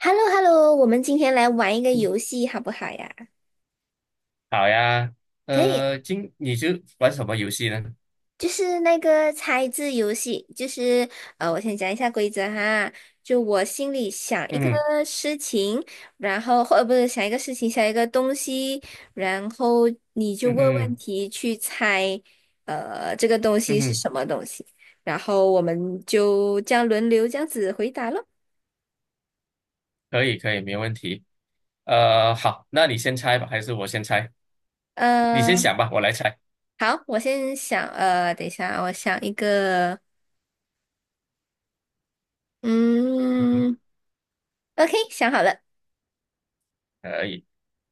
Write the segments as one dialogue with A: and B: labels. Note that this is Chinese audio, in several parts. A: h e l l o h e l l o 我们今天来玩一个游戏好不好呀？
B: 好呀，
A: 可以，
B: 今你就玩什么游戏呢？
A: 就是那个猜字游戏，就是我先讲一下规则哈。就我心里想一个
B: 嗯
A: 事情，然后不是想一个事情，想一个东西，然后你就
B: 嗯
A: 问问
B: 嗯，
A: 题去猜，这个东西
B: 嗯
A: 是
B: 哼，
A: 什么东西，然后我们就这样轮流这样子回答咯。
B: 可以可以，没问题。好，那你先猜吧，还是我先猜？你先
A: 呃，
B: 想吧，我来猜。
A: 好，我先想，等一下啊我想一个，嗯。OK，想好了，
B: 可以，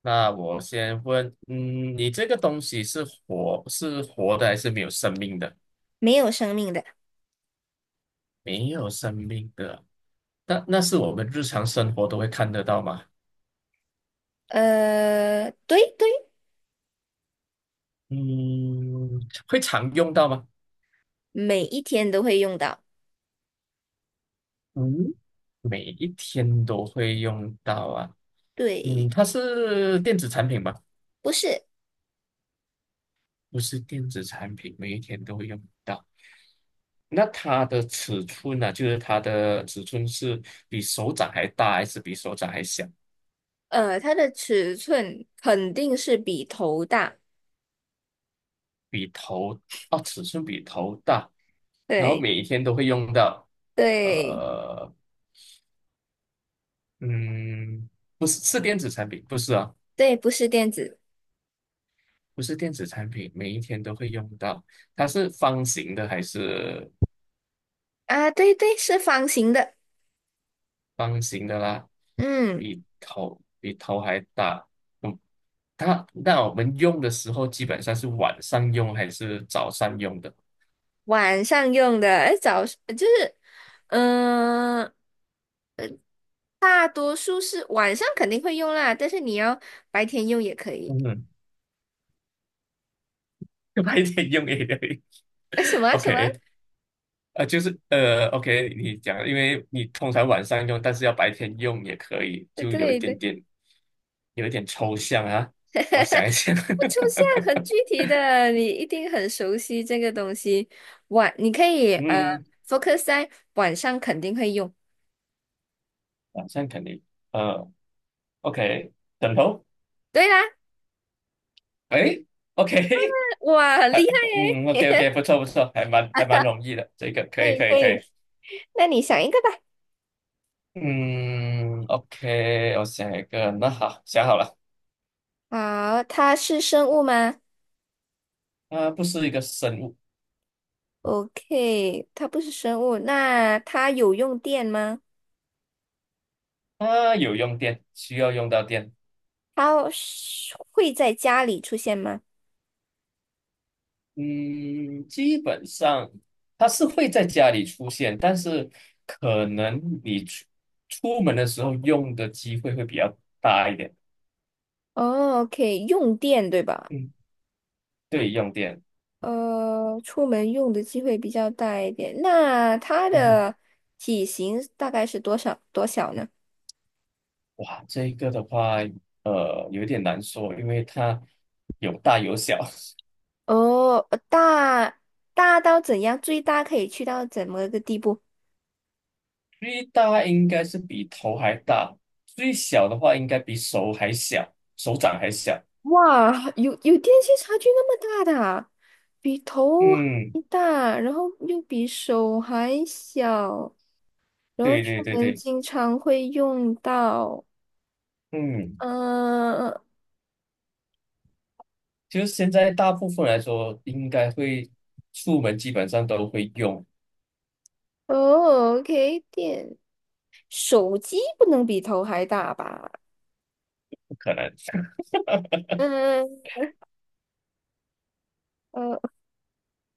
B: 那我先问，嗯，你这个东西是活的还是没有生命的？
A: 没有生命的。
B: 没有生命的，那是我们日常生活都会看得到吗？
A: 对对，
B: 嗯，会常用到吗？
A: 每一天都会用到。
B: 嗯。每一天都会用到啊。
A: 对，
B: 嗯，它是电子产品吧？
A: 不是，
B: 不是电子产品，每一天都会用到。那它的尺寸呢、就是它的尺寸是比手掌还大，还是比手掌还小？
A: 它的尺寸肯定是比头大。
B: 比头，哦，尺寸比头大，然后
A: 对
B: 每一天都会用到。
A: 对
B: 呃，嗯，不是，是电子产品，不是啊，
A: 对，不是电子
B: 不是电子产品，每一天都会用到。它是方形的还是？
A: 啊，对对，是方形的。
B: 方形的啦，
A: 嗯，
B: 比头还大。嗯，它那我们用的时候基本上是晚上用还是早上用的？
A: 晚上用的，哎，早就是，嗯、大多数是晚上肯定会用啦，但是你要白天用也可以。
B: 嗯，白天用也可以。
A: 哎，什么什么？
B: OK，OK，你讲，因为你通常晚上用，但是要白天用也可以，就有一
A: 对
B: 点
A: 对。
B: 点，有一点抽象啊。我想一想，
A: 不出现很具 体的，你一定很熟悉这个东西。你可以
B: 嗯，
A: focus 在晚上肯定会用。
B: 晚上肯定，呃，OK，枕头，
A: 对啦，
B: 哎，OK，
A: 哇，很
B: 还
A: 厉害
B: 嗯，OK OK，
A: 耶！
B: 不错不错，还蛮容易的，这个 可
A: 可
B: 以
A: 以
B: 可以
A: 可
B: 可以。
A: 以，那你想一个吧。
B: 嗯，OK，我想一个，那好，想好了，
A: 好，它是生物吗
B: 啊，不是一个生物，
A: ？OK，它不是生物。那它有用电吗？
B: 它有用电，需要用到电。
A: 它是会在家里出现吗？
B: 嗯，基本上它是会在家里出现，但是可能你出门的时候用的机会会比较大一点。
A: 哦，OK，用电对吧？
B: 嗯，对，用电。
A: 出门用的机会比较大一点。那它
B: 嗯哼，
A: 的体型大概是多少多小呢？
B: 哇，这个的话，呃，有点难说，因为它有大有小。
A: 哦，大到怎样？最大可以去到怎么个地步？
B: 最大应该是比头还大，最小的话应该比手还小，手掌还小。
A: 哇，有电器差距那么大的啊，比头还
B: 嗯，
A: 大，然后又比手还小，然后
B: 对对
A: 出
B: 对
A: 门
B: 对，
A: 经常会用到。
B: 嗯，
A: 嗯、
B: 就是现在大部分来说，应该会出门基本上都会用，
A: 哦，OK，手机不能比头还大吧？
B: 不可能。
A: 嗯呃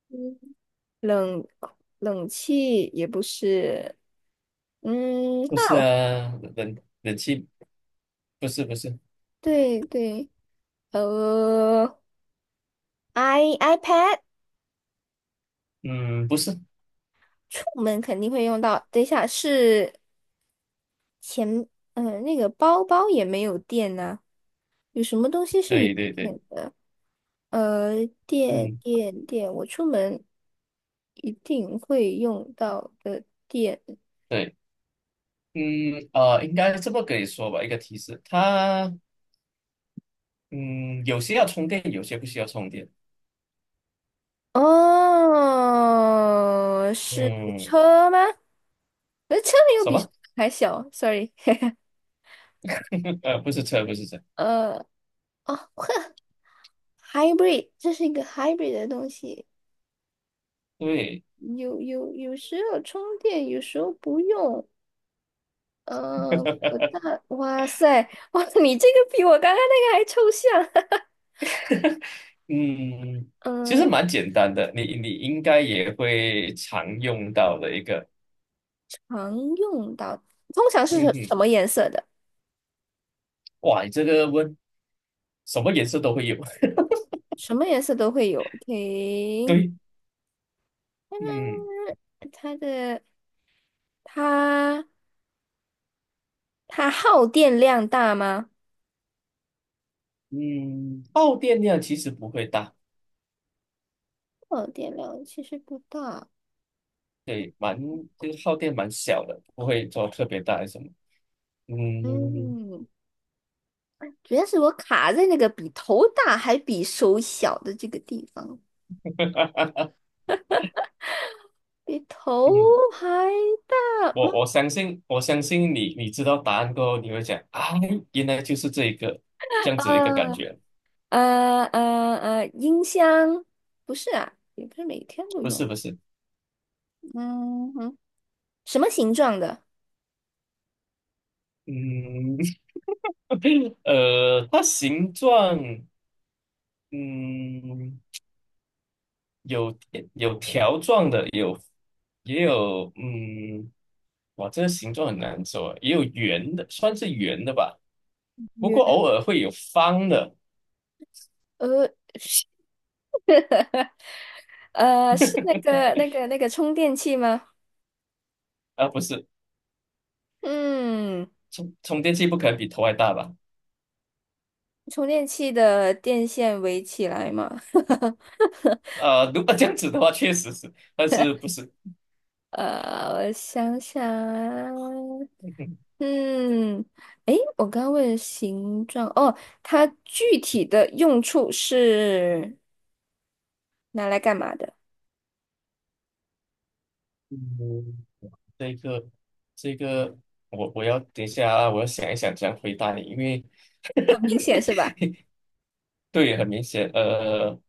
A: 嗯，冷冷气也不是，
B: 不是
A: 那
B: 啊，冷气不是不是，
A: 对对，呃，iPad
B: 嗯，不是，
A: 出门肯定会用到。等一下是钱，那个包包也没有电呢，有什么东西是有
B: 对对对，
A: 电的？电
B: 嗯
A: 电电，我出门一定会用到的电。
B: 对，应该这么跟你说吧，一个提示，它嗯有些要充电，有些不需要充电，
A: 哦，是
B: 嗯，
A: 车吗？那车没有
B: 什
A: 比
B: 么？
A: 还小，sorry。
B: 不是车，不是车。
A: 呃，哦，呵，hybrid，这是一个 hybrid 的东西，
B: 对，
A: 有时候充电，有时候不用。呃，我大，哇塞，哇，你这个比我刚刚那个还抽象。
B: 嗯，其实
A: 嗯、
B: 蛮简单的，你应该也会常用到的一个，
A: 常用到，通常是
B: 嗯
A: 什
B: 哼，
A: 什么颜色的？
B: 哇，你这个问什么颜色都会有，
A: 什么颜色都会有。OK，
B: 对，
A: 嗯，
B: 嗯
A: 它的它。它耗电量大吗？
B: 嗯，耗电量其实不会大，
A: 耗电量其实不大，
B: 对，蛮就是耗电蛮小的，不会做特别大还是什么，嗯
A: 嗯，主要是我卡在那个比头大还比手小的这个地方，比头
B: 嗯，
A: 还大吗？
B: 我相信你知道答案过后，你会讲啊，原来就是这一个这样子一个感
A: 呃
B: 觉，
A: 音箱不是啊，也不是每天都
B: 不
A: 用，
B: 是不是，
A: 嗯哼，什么形状的？
B: 嗯。它形状，嗯，有有条状的，有也有，嗯，哇，这个形状很难说啊，也有圆的，算是圆的吧。不
A: 圆，
B: 过偶尔会有方的，
A: 呃，是是那个充电器吗？
B: 啊，不是，
A: 嗯，
B: 充电器不可能比头还大吧？
A: 充电器的电线围起来吗？
B: 呃，如果这样子的话，确实是，但是不是？
A: 我想想啊，嗯，诶，我刚刚问了形状，哦，它具体的用处是拿来干嘛的？
B: 嗯，这个这个，我要等一下啊，我要想一想怎样回答你，因为
A: 很明显是吧？
B: 对，很明显，呃。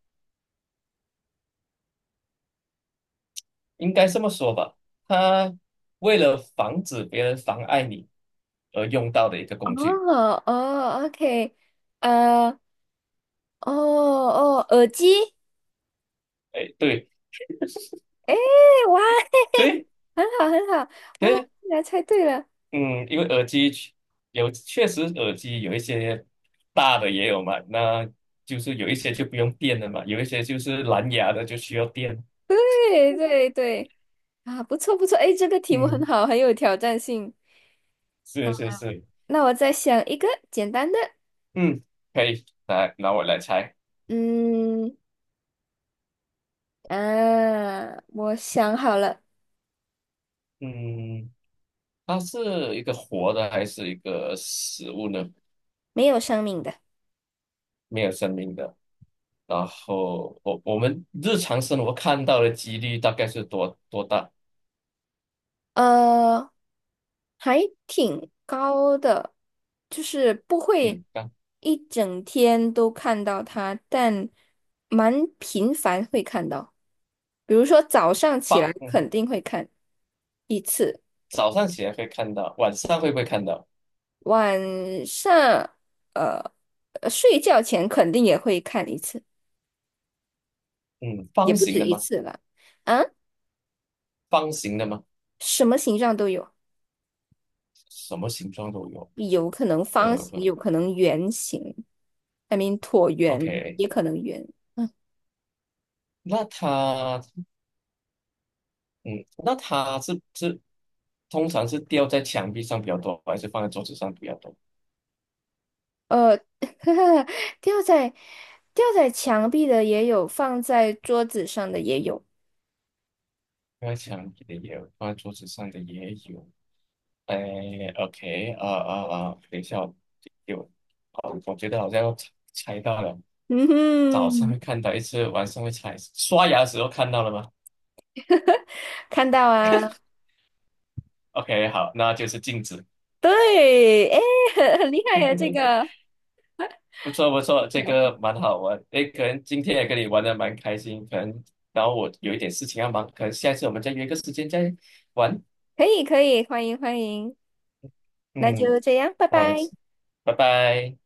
B: 应该这么说吧，它为了防止别人妨碍你而用到的一个工具。
A: 哦哦，OK，呃，哦哦，耳机，
B: 哎，对
A: 诶，哇，
B: 对
A: 很好很好，哇，
B: 对，
A: 竟然猜对了，
B: 嗯，因为耳机确有确实耳机有一些大的也有嘛，那就是有一些就不用电的嘛，有一些就是蓝牙的就需要电。
A: 对对对，啊，不错不错，诶，这个题目很
B: 嗯，
A: 好，很有挑战性。那
B: 是是是，
A: 那我再想一个简单的，
B: 嗯，可以，来，拿我来猜，
A: 嗯。啊，我想好了，
B: 嗯，它是一个活的还是一个死物呢？
A: 没有生命的，
B: 没有生命的。然后我们日常生活看到的几率大概是多多大？
A: 呃，还挺高的，就是不会
B: 嗯，刚
A: 一整天都看到它，但蛮频繁会看到。比如说早上起来
B: 嗯，
A: 肯定会看一次，
B: 早上起来会看到，晚上会不会看到？
A: 晚上呃睡觉前肯定也会看一次，
B: 嗯，
A: 也
B: 方
A: 不
B: 形
A: 止
B: 的
A: 一
B: 吗？
A: 次了。啊，
B: 方形的吗？
A: 什么形状都有。
B: 什么形状都有。
A: 有可能
B: 呃
A: 方形，
B: 呃
A: 有可能圆形，I mean 椭圆
B: ，OK，
A: 也可能圆。
B: 那它，嗯，那它是通常是吊在墙壁上比较多，还是放在桌子上比较多？
A: 呃，吊在吊在墙壁的也有，放在桌子上的也有。
B: 放在墙壁的也有，放在桌子上的也有。哎，OK，啊啊啊，等一下，有，哦，我觉得好像要猜到了，
A: 嗯
B: 早上
A: 哼，
B: 会看到一次，晚上会猜，刷牙的时候看到了吗
A: 看到啊，
B: ？OK，好，那就是镜子，
A: 对，哎，很厉害呀，
B: 不错不错，这个蛮好玩，哎，可能今天也跟你玩的蛮开心，可能，然后我有一点事情要忙，可能下一次我们再约个时间再玩，
A: 可以可以，欢迎欢迎，那
B: 嗯，
A: 就这样，拜
B: 那我们，
A: 拜。
B: 拜拜。